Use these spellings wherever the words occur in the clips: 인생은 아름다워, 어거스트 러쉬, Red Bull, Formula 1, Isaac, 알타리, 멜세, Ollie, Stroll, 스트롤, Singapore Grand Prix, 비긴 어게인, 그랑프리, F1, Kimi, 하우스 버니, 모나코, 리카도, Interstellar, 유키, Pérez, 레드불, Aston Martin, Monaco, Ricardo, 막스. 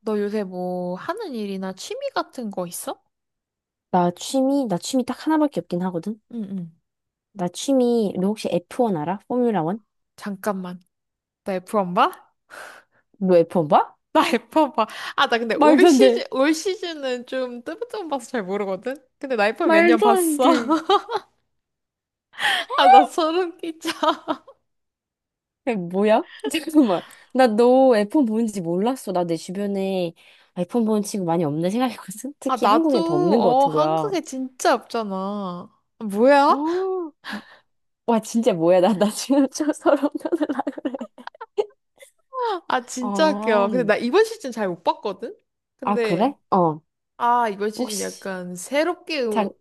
너 요새 뭐 하는 일이나 취미 같은 거 있어? 나 취미 딱 하나밖에 없긴 하거든? 응, 응. 너 혹시 F1 알아? 포뮬라 1? 잠깐만. 나프원 봐? 너 F1 봐? 나 F1 봐. 아, 나 근데 올 말도 안 돼. 시즌, 올 시즌은 좀 뜨문뜨문 봐서 잘 모르거든? 근데 나 F1 몇 년 말도 안 봤어. 돼. 아, 나 소름 끼쳐. 야, 뭐야? 잠깐만. 나 너 F1 보는지 몰랐어. 나 내 주변에 F1 보는 친구 많이 없네 생각했거든? 아, 특히 나도, 한국엔 더 없는 것 어, 같은 거야. 한국에 진짜 없잖아. 아, 뭐야? 어. 와, 진짜 뭐야. 나 지금 좀 서러운 려을그래. 아, 진짜 아, 웃겨. 근데 나 이번 시즌 잘 못 봤거든? 아, 근데, 그래? 어. 아, 이번 시즌 혹시, 약간 새롭게 장,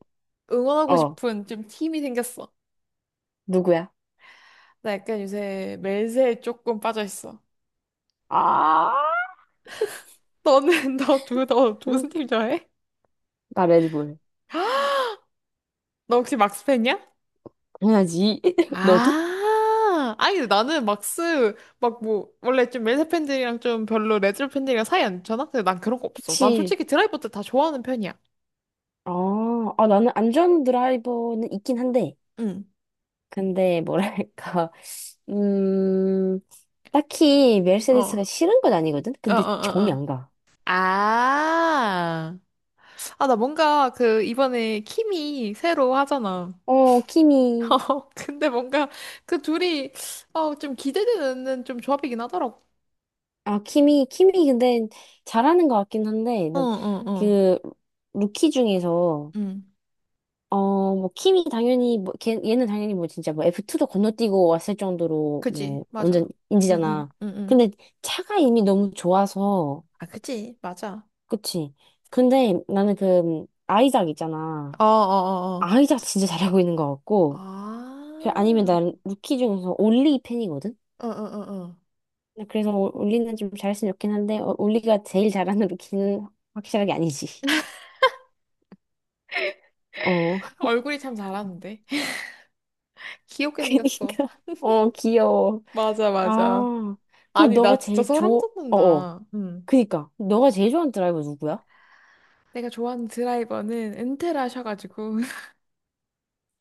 응원하고 어. 싶은 좀 팀이 생겼어. 누구야? 나 약간 요새 멜세에 조금 빠져 있어. 아, 너는 너 응. 무슨 팀 좋아해? 나 레드불. 너 혹시 막스 팬이야? 당연하지. 너도? 아, 아니 나는 막스 막 뭐 원래 좀 멜세 팬들이랑 좀 별로 레드 팬들이랑 사이 안 좋잖아. 근데 난 그런 거 없어. 난 그치. 솔직히 드라이버들 다 좋아하는 편이야. 아, 아, 나는 안전 드라이버는 있긴 한데, 응. 근데 뭐랄까, 음, 딱히 어. 메르세데스가 어, 싫은 건 아니거든? 어, 어, 근데 정이 어. 안 가. 아. 아, 나 뭔가 그 이번에 킴이 새로 하잖아. 어, 키미. 어, 근데 뭔가 그 둘이 어, 좀 기대되는 좀 조합이긴 하더라고. 아, 키미 근데 잘하는 것 같긴 한데, 어, 난 어, 어. 그, 루키 중에서, 응. 어, 뭐, 키미 당연히, 뭐, 얘는 당연히 뭐, 진짜 뭐, F2도 건너뛰고 왔을 정도로, 그지. 뭐, 완전 맞아. 응, 응, 인지잖아. 응, 응. 근데 차가 이미 너무 좋아서, 아, 그지. 맞아. 그치. 근데 나는 그 아이작 있잖아. 어, 어, 어, 어. 아이작 진짜 잘하고 있는 것 같고. 그 아니면 아. 난 루키 중에서 올리 팬이거든. 어, 어, 어, 어. 근데 그래서 올리는 좀 잘했으면 좋긴 한데 올리가 제일 잘하는 루키는 확실하게 아니지. 어. 얼굴이 참 잘하는데. 귀엽게 생겼어. 그니까. 어 귀여워. 맞아, 맞아. 아. 그럼 아니, 너가 나 진짜 제일 소름 좋아. 어어. 돋는다. 응. 그니까. 너가 제일 좋아하는 드라이버 누구야? 내가 좋아하는 드라이버는 은퇴를 하셔가지고.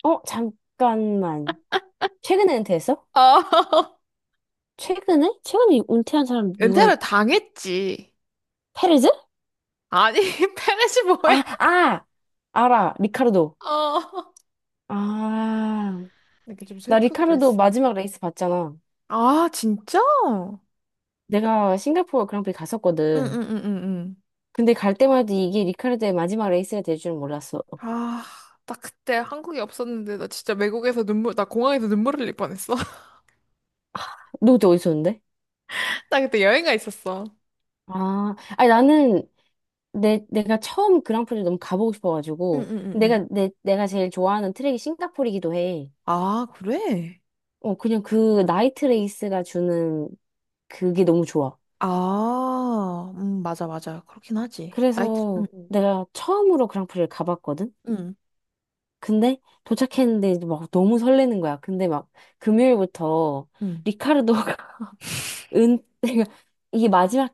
어 잠깐만. 최근에 은퇴했어? 아, 최근에? 최근에 은퇴한 사람 누가 있... 은퇴를 당했지. 페레즈? 아니, 페렛이 아, 뭐야? 아! 알아. 리카르도. 어. 아, 이렇게 좀 나 슬프게 리카르도 됐어. 마지막 레이스 봤잖아. 아, 진짜? 응, 내가 싱가포르 그랑프리 응, 갔었거든. 응, 응, 응. 근데 갈 때마다 이게 리카르도의 마지막 레이스가 될 줄은 몰랐어. 아, 나 그때 한국에 없었는데 나 진짜 외국에서 눈물, 나 공항에서 눈물 흘릴 뻔했어. 너 그때 어디 있었는데? 나 그때 여행가 있었어. 아, 아니 나는 내 내가 처음 그랑프리를 너무 가보고 싶어가지고 응응응응. 내가 제일 좋아하는 트랙이 싱가포르이기도 해. 아, 그래? 어, 그냥 그 나이트 레이스가 주는 그게 너무 좋아. 아, 맞아, 맞아. 그렇긴 하지. 나이트, 응, 그래서 응, 내가 처음으로 그랑프리를 가봤거든. 응, 근데 도착했는데 이제 막 너무 설레는 거야. 근데 막 금요일부터 응, 리카르도가 은 내가 이게 마지막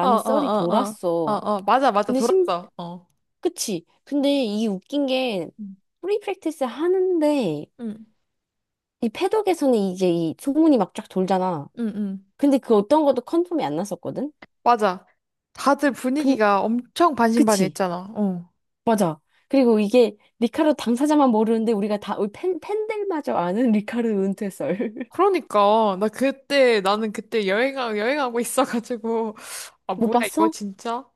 어, 어, 썰이 어, 어, 어, 돌았어. 어, 맞아, 맞아, 근데 심 돌았어. 어, 그치? 근데 이 웃긴 게 응, 프리 프랙티스 하는데 응, 이 패독에서는 이제 이 소문이 막 쫙 돌잖아. 응. 응. 근데 그 어떤 것도 컨펌이 안 났었거든. 맞아. 다들 근 분위기가 엄청 그치? 반신반의했잖아. 어. 맞아. 그리고 이게 리카르도 당사자만 모르는데 우리가 다 우리 팬 팬들마저 아는 리카르도 은퇴 썰. 그러니까 나 그때 나는 그때 여행하고 있어가지고 아, 못 뭐야, 이거 봤어? 진짜.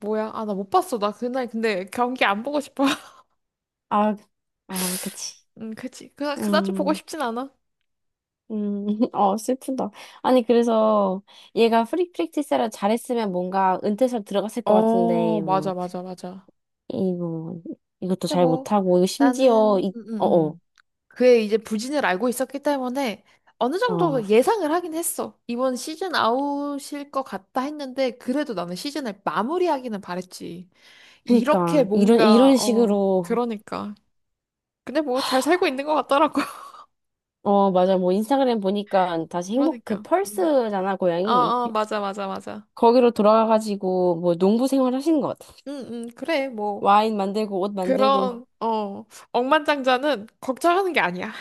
뭐야, 아, 나 못 봤어. 나 그날 근데 경기 안 보고 싶어. 아, 아, 그치. 음, 그치. 그나 그다지 보고 음, 싶진 않아. 음, 어, 슬프다. 아니, 그래서 얘가 프리 프랙티스를 잘했으면 뭔가 은퇴설 들어갔을 것 어, 같은데, 맞아, 뭐, 맞아, 맞아. 뭐, 이것도 근데 잘 뭐 못하고, 이거 심지어, 나는 이, 어, 어, 그의 이제 부진을 알고 있었기 때문에 어느 어, 정도 예상을 하긴 했어. 이번 시즌 아웃일 것 같다 했는데, 그래도 나는 시즌을 마무리하기는 바랬지. 이렇게 그니까, 이런, 뭔가 이런 어 식으로, 그러니까. 근데 뭐 잘 살고 있는 것 같더라고. 어, 맞아. 뭐, 인스타그램 보니까 다시 행복, 그 그러니까. 음. 펄스잖아, 어, 고양이. 어, 맞아, 맞아, 맞아. 거기로 돌아가가지고, 뭐, 농부 생활 하시는 것 같아. 응, 응, 그래, 뭐. 와인 만들고, 옷 만들고, 그런, 어, 억만장자는 걱정하는 게 아니야.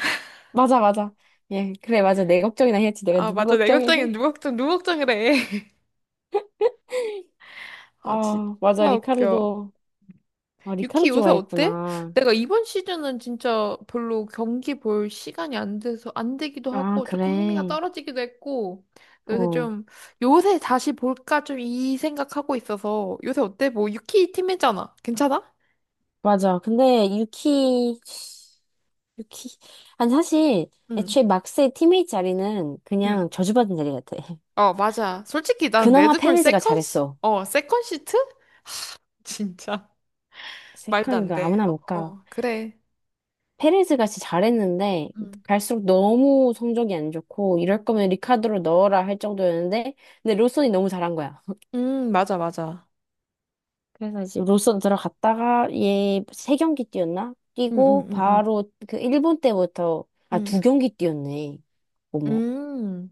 맞아, 맞아. 예, 그래, 맞아. 내 걱정이나 해야지. 내가 아, 누구 맞아. 내 걱정해? 걱정은 누 걱정, 누구 걱정이래. 아, 진짜 아, 맞아. 웃겨. 리카르도, 아, 리카르 유키 요새 어때? 좋아했구나. 내가 이번 시즌은 진짜 별로 경기 볼 시간이 안 돼서, 안 되기도 아, 하고, 조금 흥미가 그래. 떨어지기도 했고, 요새 어, 좀, 요새 다시 볼까 좀 이 생각하고 있어서, 요새 어때? 뭐, 유키 팀이잖아. 괜찮아? 맞아. 근데 유키, 유키. 아니, 사실, 응. 애초에 막스의 팀메이트 자리는 응. 그냥 저주받은 자리 같아. 어, 맞아. 솔직히 난 그나마 레드불 페레즈가 세컨 시, 잘했어. 어, 세컨 시트? 진짜. 말도 세컨, 안 그, 돼. 아무나 못 어, 가. 어, 그래. 페레즈가 진짜 잘했는데, 응. 갈수록 너무 성적이 안 좋고, 이럴 거면 리카르도 넣어라 할 정도였는데, 근데 로손이 너무 잘한 거야. 맞아, 맞아. 그래서 이제 롤선 들어갔다가 얘 세 경기 뛰었나? 응, 응, 뛰고 응, 응. 바로 그 일본 때부터 아 응. 두 경기 뛰었네. 어머 음.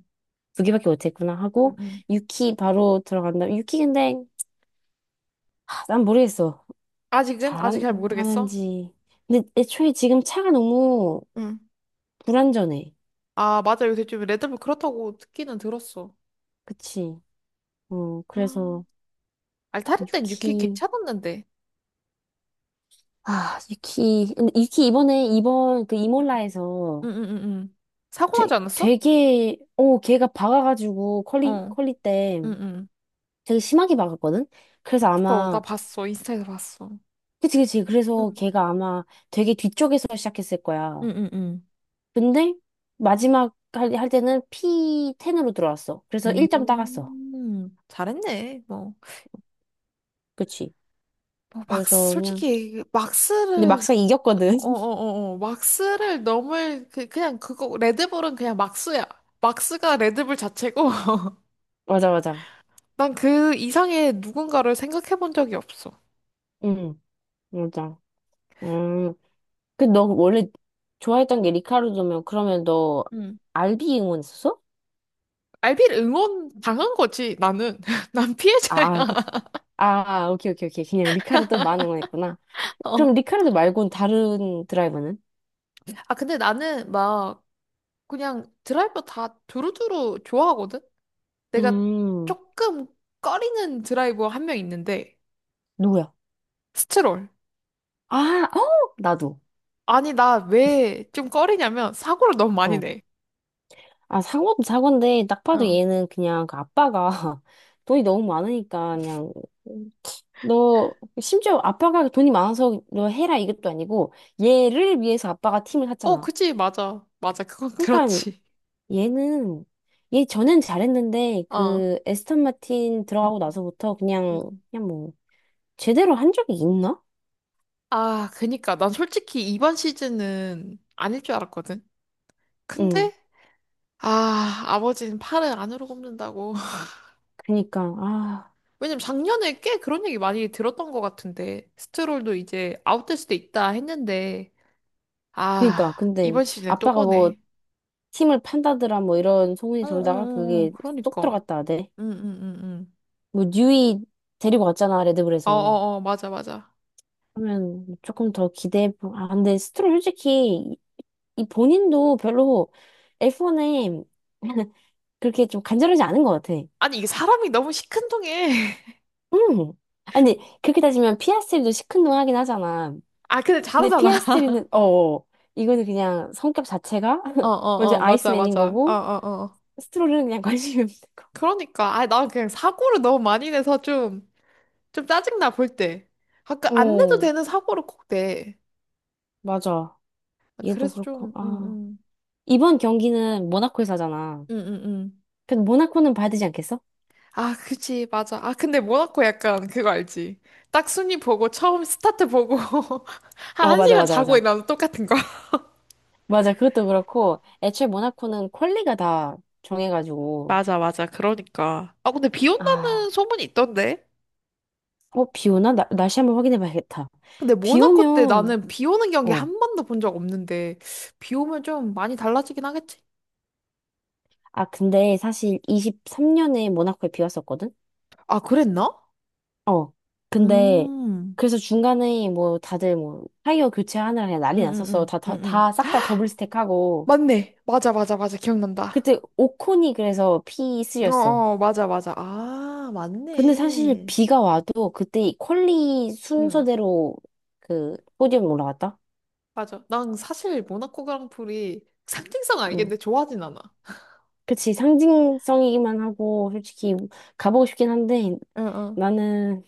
두 개밖에 못했구나 응, 하고 응. 유키 바로 들어간다. 유키 근데 난 모르겠어 아직은? 아직 잘 모르겠어? 잘하는지. 근데 애초에 지금 차가 너무 응. 불안전해. 아, 맞아. 요새 좀 레드불 그렇다고 듣기는 들었어. 그치? 어 아, 그래서 알타리 땐 유키 유키 괜찮았는데. 유키 근데 유키 이번에 이번 그 이몰라에서 응, 응, 응, 응. 사고 되, 나지 않았어? 되게, 걔가 박아가지고, 컬리, 어. 컬리 때 응, 응. 되게 심하게 박았거든? 그래서 봤어. 나 아마, 봤어. 인스타에서 봤어. 그치, 그치. 그래서 응, 걔가 아마 되게 뒤쪽에서 시작했을 응, 거야. 응. 응. 근데 마지막 할 때는 P10으로 들어왔어. 그래서 1점 따갔어. 잘했네. 뭐, 그치. 뭐 막스 그래서 그냥, 솔직히 근데 막스를 막상 이겼거든. 어어어 막스를 넘을 그, 그냥 그거 레드불은 그냥 막스야. 막스가 레드불 자체고. 맞아, 맞아. 난 그 이상의 누군가를 생각해 본 적이 없어. 응, 맞아. 음. 그, 너 원래 좋아했던 게 리카르도면, 그러면 너 음. 알비 응원했었어? 알비를 응원 당한 거지, 나는. 난 아, 피해자야. 그치. 아, 오케이, 오케이, 오케이. 그냥 리카르도 만 응원했구나. 그럼 어. 리카르도 말고는 다른 드라이버는? 아, 근데 나는 막 그냥 드라이버 다 두루두루 좋아하거든? 내가 음, 조금 꺼리는 드라이버 한 명 있는데, 누구야? 스트롤. 아, 어? 나도. 아니, 나 왜 좀 꺼리냐면, 사고를 너무 많이 어. 내. 아, 사고도 사고인데, 딱 봐도 어. 얘는 그냥 그 아빠가 돈이 너무 많으니까, 그냥, 너, 심지어 아빠가 돈이 많아서 너 해라 이것도 아니고, 얘를 위해서 아빠가 팀을 어, 샀잖아. 그치, 맞아. 맞아, 그건 그러니까 그렇지. 얘는, 얘 전엔 잘했는데, 어. 그 에스턴 마틴 음, 들어가고 나서부터 음. 그냥, 뭐, 제대로 한 적이 있나? 아, 그니까. 난 솔직히 이번 시즌은 아닐 줄 알았거든. 응. 근데, 아, 아버지는 팔을 안으로 굽는다고. 그니까, 아, 왜냐면 작년에 꽤 그런 얘기 많이 들었던 것 같은데. 스트롤도 이제 아웃될 수도 있다 했는데, 그니까. 아, 근데 이번 시즌에 또 아빠가 뭐 보네. 팀을 판다더라 뭐 이런 소문이 돌다가 어어어어, 그게 쏙 그러니까. 들어갔다 하대. 응, 응, 응, 응. 뭐 뉴이 데리고 왔잖아, 레드불에서. 어어어, 맞아, 맞아. 그러면 조금 더 기대해. 아, 근데 스트롤 솔직히 이, 이 본인도 별로 F1에 그렇게 좀 간절하지 않은 것 같아. 아니, 이게 사람이 너무 시큰둥해. 응. 아니, 그렇게 따지면 피아스트리도 시큰둥하긴 하잖아. 아, 근데 근데 잘하잖아. 피아스트리는 이거는 그냥 성격 자체가 어, 먼저 어, 어, 맞아, 아이스맨인 맞아. 어, 거고 어, 어. 스트롤은 그냥 관심이 없는 거. 그러니까. 아, 나 그냥 사고를 너무 많이 내서 좀, 좀 짜증나, 볼 때. 가끔 안 내도 어 되는 사고를 꼭 내. 맞아. 아, 얘도 그래서 그렇고 좀, 이번 경기는 모나코에서 하잖아. 음, 음, 음. 근데 모나코는 봐야 되지 않겠어? 아, 그치, 맞아. 아, 근데 모나코 약간 그거 알지? 딱 순위 보고, 처음 스타트 보고, 한, 어 한 맞아 시간 맞아 자고 맞아 일어나는 똑같은 거. 맞아 그것도 그렇고 애초에 모나코는 퀄리가 다 정해가지고 맞아, 맞아. 그러니까. 아, 근데 비 아어비 온다는 소문이 있던데? 오나 날씨 한번 확인해 봐야겠다. 근데 비 모나코 때 오면 나는 비 오는 경기 어 한 번도 본 적 없는데, 비 오면 좀 많이 달라지긴 하겠지? 근데 사실 23년에 모나코에 비 왔었거든. 아, 그랬나? 어. 근데 음. 그래서 중간에 뭐 다들 뭐 타이어 교체하느라 그냥 난리 응, 응, 났었어. 응, 다 응, 응. 다 싹 다 더블 스택하고 맞네. 맞아, 맞아, 맞아. 기억난다. 그때 오콘이 그래서 피쓰 어, 였어 어, 맞아, 맞아. 아, 근데 사실 맞네. 비가 와도 그때 이 퀄리 응, 순서대로 그 포디움 올라갔다. 맞아. 난 사실 모나코 그랑프리 상징성 응. 알겠는데 좋아하진 않아. 그치 상징성이기만 하고 솔직히 가보고 싶긴 한데 응, 응. 나는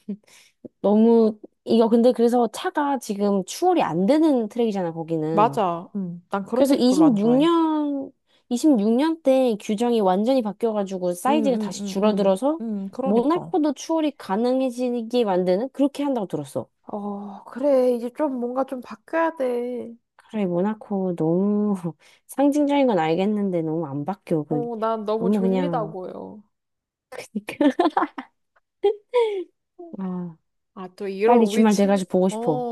너무 이거 근데 그래서 차가 지금 추월이 안 되는 트랙이잖아 거기는. 맞아. 응. 난 그런 그래서 트랙 별로 안 좋아해. 26년, 26년 때 규정이 완전히 바뀌어가지고 응, 사이즈가 응, 다시 응, 응. 줄어들어서 응, 그러니까. 모나코도 추월이 가능해지게 만드는 그렇게 한다고 들었어. 어, 그래. 이제 좀 뭔가 좀 바뀌어야 돼. 그래, 모나코 너무 상징적인 건 알겠는데 너무 안 바뀌어. 어, 난 너무 너무 그냥, 졸리다고요. 그니까. 아, 아, 또 이런 빨리 우리 주말 취미, 돼가지고 보고 어, 싶어.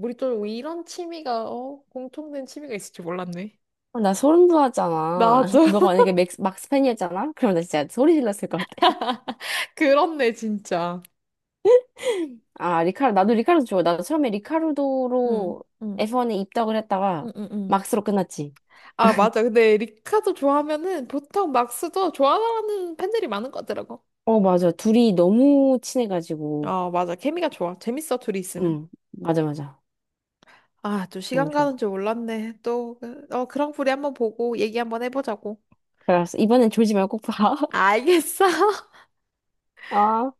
우리 또 이런 취미가, 어, 공통된 취미가 있을 줄 몰랐네. 어, 나 소름 돋았잖아. 나도. 너가 만약에 막스팬이었잖아? 그럼 나 진짜 소리 질렀을 것 같아. 그렇네, 진짜. 아, 나도 리카르도 좋아. 나도 처음에 응, 리카르도로 응, F1에 입덕을 응, 했다가 응, 응. 막스로 끝났지. 아, 맞아. 근데 리카도 좋아하면은 보통 막스도 좋아하는 팬들이 많은 것 같더라고. 어, 맞아. 둘이 너무 친해가지고. 어, 맞아. 케미가 좋아. 재밌어, 둘이 있으면. 응, 맞아, 맞아. 아, 또 너무 시간 가는 좋아. 줄 몰랐네. 또, 어, 그랑프리 한번 보고 얘기 한번 해보자고. 그래서 이번엔 졸지 말고 꼭 봐. 알겠어. 아.